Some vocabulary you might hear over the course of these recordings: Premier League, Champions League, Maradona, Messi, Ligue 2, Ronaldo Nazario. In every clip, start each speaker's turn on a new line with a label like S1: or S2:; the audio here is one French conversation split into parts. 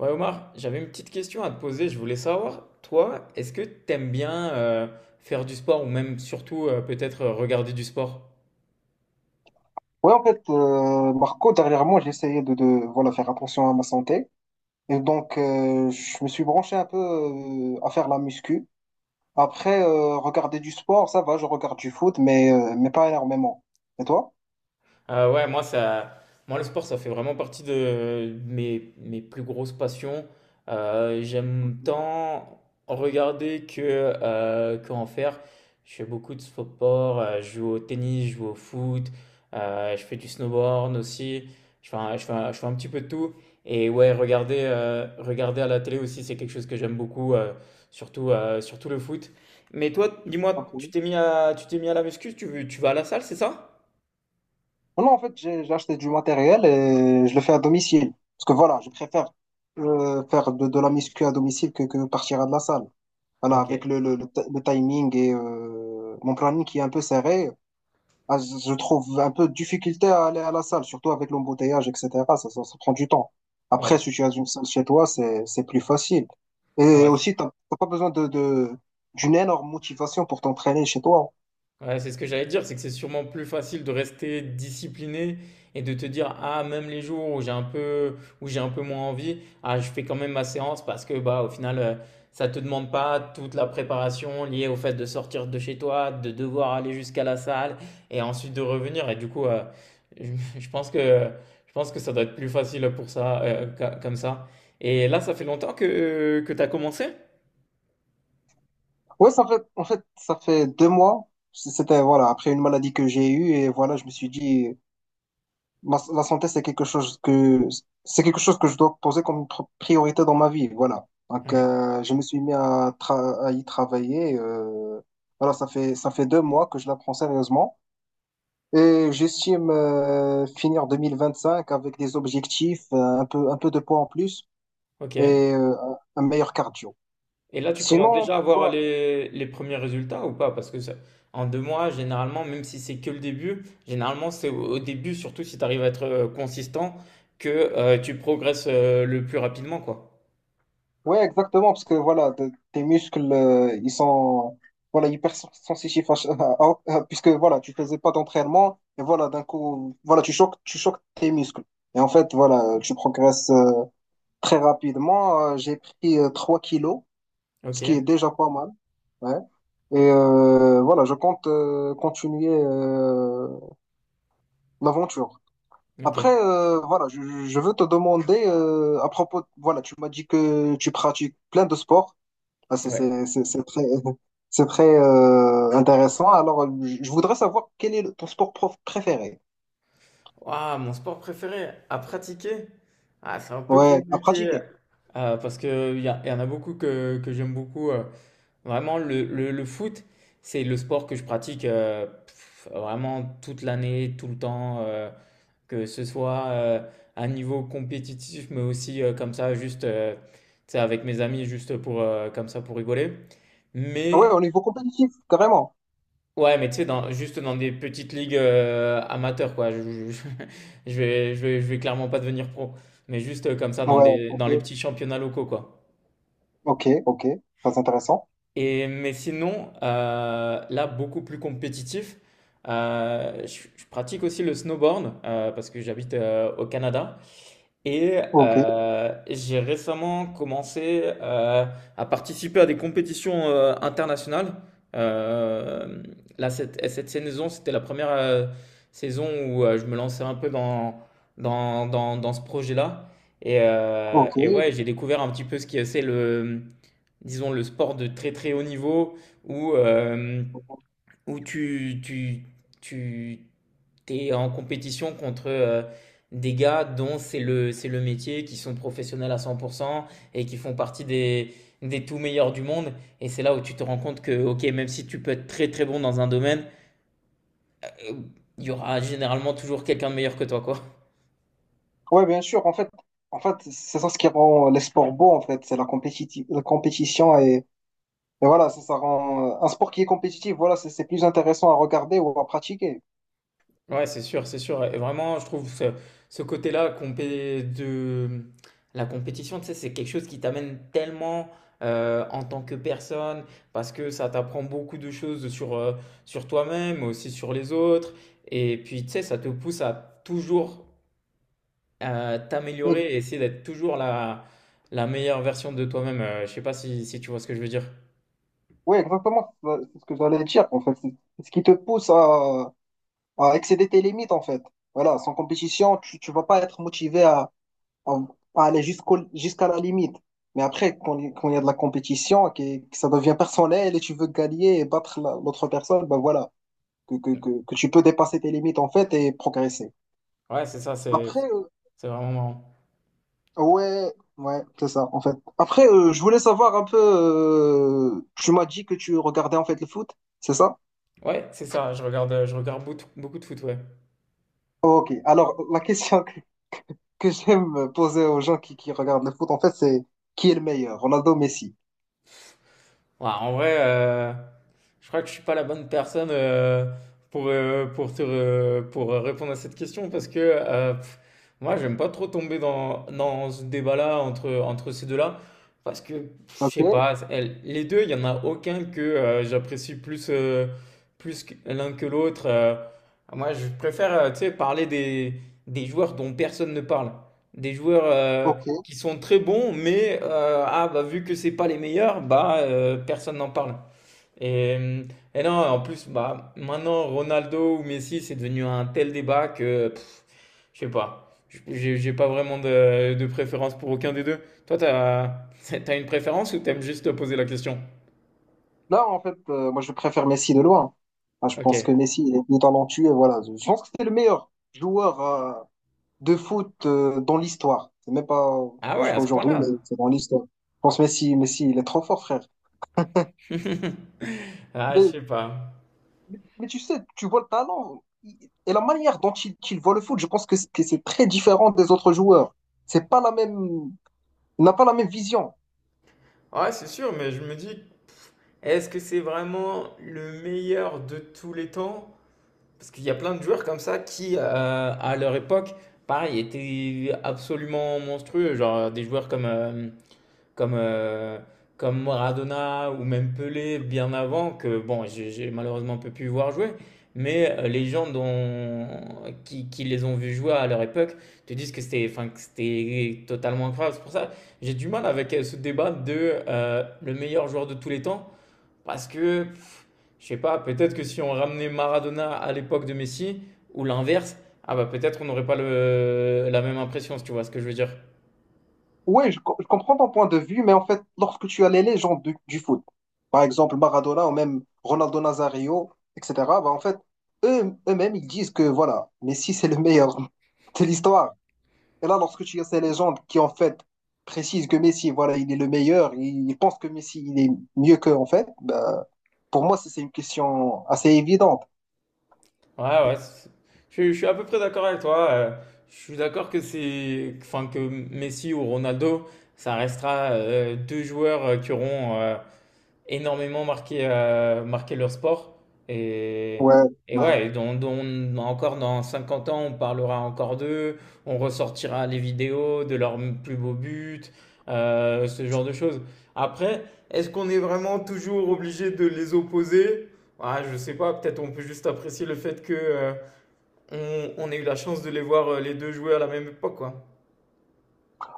S1: Ouais, Omar, j'avais une petite question à te poser. Je voulais savoir, toi, est-ce que t'aimes bien faire du sport ou même surtout peut-être regarder du sport?
S2: Oui en fait, Marco, dernièrement, j'ai essayé de voilà, faire attention à ma santé. Et donc, je me suis branché un peu à faire la muscu. Après, regarder du sport, ça va, je regarde du foot, mais pas énormément. Et toi?
S1: Ah ouais, moi, ça, moi, le sport, ça fait vraiment partie de mes plus grosses passions.
S2: Ok,
S1: J'aime tant regarder que en faire. Je fais beaucoup de sport, je joue au tennis, je joue au foot, je fais du snowboard aussi. Je fais un petit peu de tout. Et ouais, regarder à la télé aussi, c'est quelque chose que j'aime beaucoup, surtout le foot. Mais toi, dis-moi,
S2: ok.
S1: tu t'es mis à la muscu, tu vas à la salle, c'est ça?
S2: Non, non, en fait, j'ai acheté du matériel et je le fais à domicile. Parce que voilà, je préfère faire de la muscu à domicile que partir à de la salle. Voilà,
S1: Ok,
S2: avec le timing et mon planning qui est un peu serré. Ah, je trouve un peu de difficulté à aller à la salle, surtout avec l'embouteillage, etc. Ça prend du temps. Après,
S1: ouais.
S2: si tu as une salle chez toi, c'est plus facile.
S1: Ah
S2: Et
S1: bah,
S2: aussi, t'as pas besoin d'une énorme motivation pour t'entraîner chez toi.
S1: c'est ce que j'allais te dire, c'est que c'est sûrement plus facile de rester discipliné et de te dire, ah, même les jours où où j'ai un peu moins envie, ah, je fais quand même ma séance parce que, bah, au final, ça te demande pas toute la préparation liée au fait de sortir de chez toi, de devoir aller jusqu'à la salle et ensuite de revenir. Et du coup, je pense que, je pense que ça doit être plus facile pour ça, comme ça. Et là, ça fait longtemps que tu as commencé?
S2: Ouais, ça fait, en fait, ça fait deux mois. C'était, voilà, après une maladie que j'ai eue, et voilà, je me suis dit, la santé, c'est quelque chose que je dois poser comme priorité dans ma vie, voilà. Donc,
S1: Ouais.
S2: je me suis mis à y travailler. Voilà, ça fait deux mois que je la prends sérieusement et j'estime finir 2025 avec des objectifs, un peu de poids en plus et
S1: Ok.
S2: un meilleur cardio.
S1: Et là, tu commences
S2: Sinon,
S1: déjà à voir
S2: pourquoi?
S1: les premiers résultats ou pas? Parce que ça- en 2 mois, généralement, même si c'est que le début, généralement, c'est au, au début, surtout si tu arrives à être consistant, que tu progresses le plus rapidement, quoi.
S2: Ouais, exactement, parce que voilà, tes muscles, ils sont voilà, hyper sensitifs, puisque voilà, tu faisais pas d'entraînement, et voilà, d'un coup, voilà, tu choques tes muscles. Et en fait, voilà, tu progresses très rapidement. J'ai pris 3 kilos, ce
S1: Ok,
S2: qui est déjà pas mal. Ouais. Et voilà, je compte continuer l'aventure.
S1: ok,
S2: Après, voilà, je veux te demander à propos, voilà, tu m'as dit que tu pratiques plein de sports. Ah,
S1: ouais.
S2: c'est c'est très intéressant. Alors, je voudrais savoir quel est ton sport prof préféré.
S1: Ouah, mon sport préféré à pratiquer? Ah, c'est un peu
S2: Ouais, à
S1: compliqué.
S2: pratiquer.
S1: Parce qu'il y, y en a beaucoup que j'aime beaucoup. Vraiment, le foot, c'est le sport que je pratique vraiment toute l'année, tout le temps. Que ce soit à un niveau compétitif, mais aussi comme ça, juste tu sais, avec mes amis, juste pour, comme ça, pour rigoler.
S2: Ah ouais,
S1: Mais
S2: au niveau compétitif, carrément.
S1: ouais, mais tu sais, dans, juste dans des petites ligues amateurs, quoi. Je vais clairement pas devenir pro, mais juste comme ça,
S2: Ouais, ok,
S1: dans les petits championnats locaux, quoi.
S2: ok, ok. Très intéressant.
S1: Et, mais sinon, là, beaucoup plus compétitif, je pratique aussi le snowboard parce que j'habite au Canada. Et
S2: Ok,
S1: j'ai récemment commencé à participer à des compétitions internationales. Euh, là, cette saison, c'était la première saison où je me lançais un peu dans ce projet-là. Et
S2: ok.
S1: ouais, j'ai découvert un petit peu ce qui c'est le, disons, le sport de très très haut niveau où où tu t'es en compétition contre des gars dont c'est le métier, qui sont professionnels à 100% et qui font partie des tout meilleurs du monde. Et c'est là où tu te rends compte que, ok, même si tu peux être très très bon dans un domaine, euh, il y aura généralement toujours quelqu'un de meilleur que toi, quoi.
S2: Ouais, bien sûr. En fait, c'est ça ce qui rend les sports beaux, en fait. C'est la compétition, et voilà, ça rend un sport qui est compétitif. Voilà, c'est plus intéressant à regarder ou à pratiquer.
S1: Ouais, c'est sûr, c'est sûr. Et vraiment, je trouve ce, ce côté-là de la compétition, tu sais, c'est quelque chose qui t'amène tellement en tant que personne, parce que ça t'apprend beaucoup de choses sur, sur toi-même, mais aussi sur les autres. Et puis, tu sais, ça te pousse à toujours t'améliorer et essayer d'être toujours la, la meilleure version de toi-même. Je sais pas si, si tu vois ce que je veux dire.
S2: Ouais, exactement. C'est ce que j'allais dire, en fait. C'est ce qui te pousse à excéder tes limites en fait. Voilà, sans compétition, tu ne vas pas être motivé à- à aller jusqu'à la limite. Mais après, quand il y a de la compétition, que ça devient personnel et tu veux gagner et battre l'autre personne, ben voilà, que tu peux dépasser tes limites en fait et progresser.
S1: Ouais, c'est ça,
S2: Après,
S1: c'est vraiment marrant.
S2: ouais, ouais, c'est ça en fait. Après, je voulais savoir un peu, tu m'as dit que tu regardais en fait le foot, c'est ça?
S1: Ouais, c'est ça, je regarde beaucoup beaucoup de foot, ouais.
S2: Ok, alors la question que j'aime poser aux gens qui regardent le foot, en fait, c'est qui est le meilleur, Ronaldo ou Messi?
S1: Ouais, en vrai, je crois que je suis pas la bonne personne pour répondre à cette question parce que moi, j'aime pas trop tomber dans, dans ce débat-là entre, entre ces deux-là parce que je
S2: Ok,
S1: sais pas, les deux, il y en a aucun que j'apprécie plus, l'un que l'autre. Moi, je préfère tu sais, parler des joueurs dont personne ne parle, des joueurs
S2: ok.
S1: qui sont très bons, mais ah, bah, vu que c'est pas les meilleurs, bah, personne n'en parle. Et, et non, en plus, bah, maintenant, Ronaldo ou Messi, c'est devenu un tel débat que je sais pas. J'ai pas vraiment de préférence pour aucun des deux. Toi, t'as, t'as une préférence ou t'aimes juste te poser la question?
S2: Là, en fait, moi, je préfère Messi de loin. Enfin, je
S1: Ok.
S2: pense que Messi, il est plus talentueux. Voilà. Je pense que c'est le meilleur joueur de foot dans l'histoire. C'est même pas
S1: Ah ouais, à
S2: jusqu'à
S1: ce
S2: aujourd'hui, mais
S1: point-là.
S2: c'est dans l'histoire. Je pense que Messi, il est trop fort, frère.
S1: Ah, je sais pas.
S2: Mais tu sais, et la manière dont il, qu'il voit le foot, je pense que c'est très différent des autres joueurs. C'est pas la même, il n'a pas la même vision.
S1: Ouais, c'est sûr, mais je me dis, est-ce que c'est vraiment le meilleur de tous les temps? Parce qu'il y a plein de joueurs comme ça qui, à leur époque, pareil, étaient absolument monstrueux. Genre des joueurs comme, euh, comme Maradona ou même Pelé bien avant, que bon, j'ai malheureusement peu pu voir jouer. Mais les gens dont, qui les ont vus jouer à leur époque te disent que c'était enfin, que c'était totalement incroyable. C'est pour ça j'ai du mal avec ce débat de le meilleur joueur de tous les temps. Parce que je sais pas, peut-être que si on ramenait Maradona à l'époque de Messi, ou l'inverse, ah bah peut-être on n'aurait pas le, la même impression, si tu vois ce que je veux dire.
S2: Ouais, je comprends ton point de vue, mais en fait, lorsque tu as les légendes du foot, par exemple Maradona ou même Ronaldo Nazario, etc., bah en fait, eux-mêmes, ils disent que voilà, Messi, c'est le meilleur de l'histoire. Et là, lorsque tu as ces légendes qui, en fait, précisent que Messi, voilà, il est le meilleur, ils pensent que Messi, il est mieux qu'eux, en fait, bah, pour moi, c'est une question assez évidente.
S1: Ouais, ouais, je suis à peu près d'accord avec toi. Je suis d'accord que c'est, enfin que Messi ou Ronaldo, ça restera deux joueurs qui auront énormément marqué, marqué leur sport. Et,
S2: Ouais,
S1: et
S2: ouais.
S1: ouais, et encore dans 50 ans, on parlera encore d'eux, on ressortira les vidéos de leurs plus beaux buts, ce genre de choses. Après, est-ce qu'on est vraiment toujours obligé de les opposer? Ah, je sais pas, peut-être on peut juste apprécier le fait que, on ait eu la chance de les voir les deux jouer à la même époque, quoi.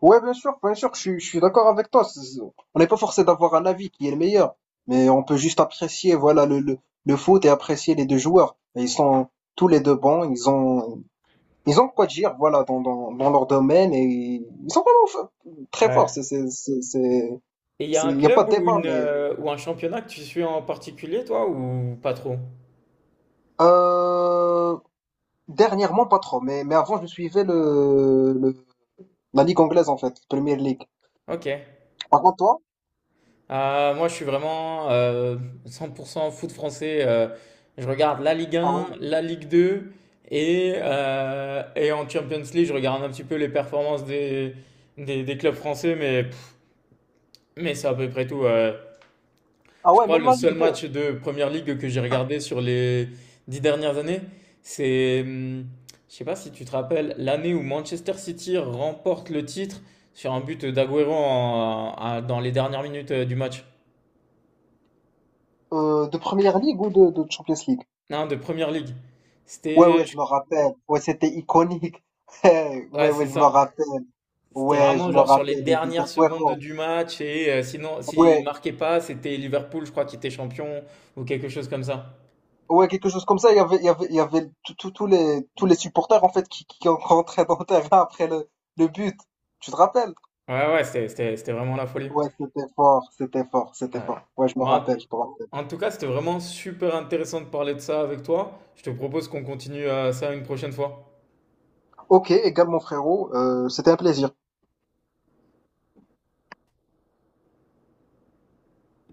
S2: Ouais, bien sûr, je suis d'accord avec toi. On n'est pas forcé d'avoir un avis qui est le meilleur, mais on peut juste apprécier, voilà, le foot et apprécier les deux joueurs. Et ils sont tous les deux bons, ils ont quoi dire, voilà, dans leur domaine et ils sont vraiment très forts.
S1: Ouais. Et il y a un
S2: Il n'y a pas
S1: club
S2: de
S1: ou
S2: débat,
S1: une,
S2: mais
S1: ou un championnat que tu suis en particulier, toi, ou pas trop?
S2: euh, dernièrement, pas trop. Mais avant, je suivais la Ligue anglaise, en fait, Premier League.
S1: Ok.
S2: Par contre, toi?
S1: Moi, je suis vraiment 100% foot français. Je regarde la Ligue
S2: Ah
S1: 1,
S2: ouais,
S1: la Ligue 2 et en Champions League, je regarde un petit peu les performances des clubs français, mais, mais c'est à peu près tout.
S2: ah
S1: Je
S2: ouais,
S1: crois
S2: même
S1: le
S2: la
S1: seul
S2: Ligue 2,
S1: match de Première Ligue que j'ai regardé sur les 10 dernières années, c'est, je sais pas si tu te rappelles, l'année où Manchester City remporte le titre sur un but d'Aguero dans les dernières minutes du match.
S2: de Première ligue ou de Champions League?
S1: Non, de Première Ligue.
S2: Ouais,
S1: C'était,
S2: ouais, je me rappelle. Ouais, c'était iconique. Ouais,
S1: ouais, c'est
S2: ouais, je me
S1: ça.
S2: rappelle.
S1: C'était
S2: Ouais, je
S1: vraiment
S2: me
S1: genre sur les
S2: rappelle. Le but
S1: dernières secondes
S2: d'Aguero.
S1: du match et sinon, s'il
S2: Ouais,
S1: marquait pas, c'était Liverpool, je crois, qui était champion ou quelque chose comme ça.
S2: ouais, quelque chose comme ça. Il y avait tous les supporters, en fait, qui rentraient dans le terrain après le but. Tu te rappelles?
S1: Ouais, ouais, c'était vraiment la folie.
S2: Ouais, c'était
S1: Ouais.
S2: fort. Ouais,
S1: Bon,
S2: je me rappelle.
S1: en tout cas, c'était vraiment super intéressant de parler de ça avec toi. Je te propose qu'on continue ça une prochaine fois.
S2: Ok, et Gab, mon frérot, c'était un plaisir.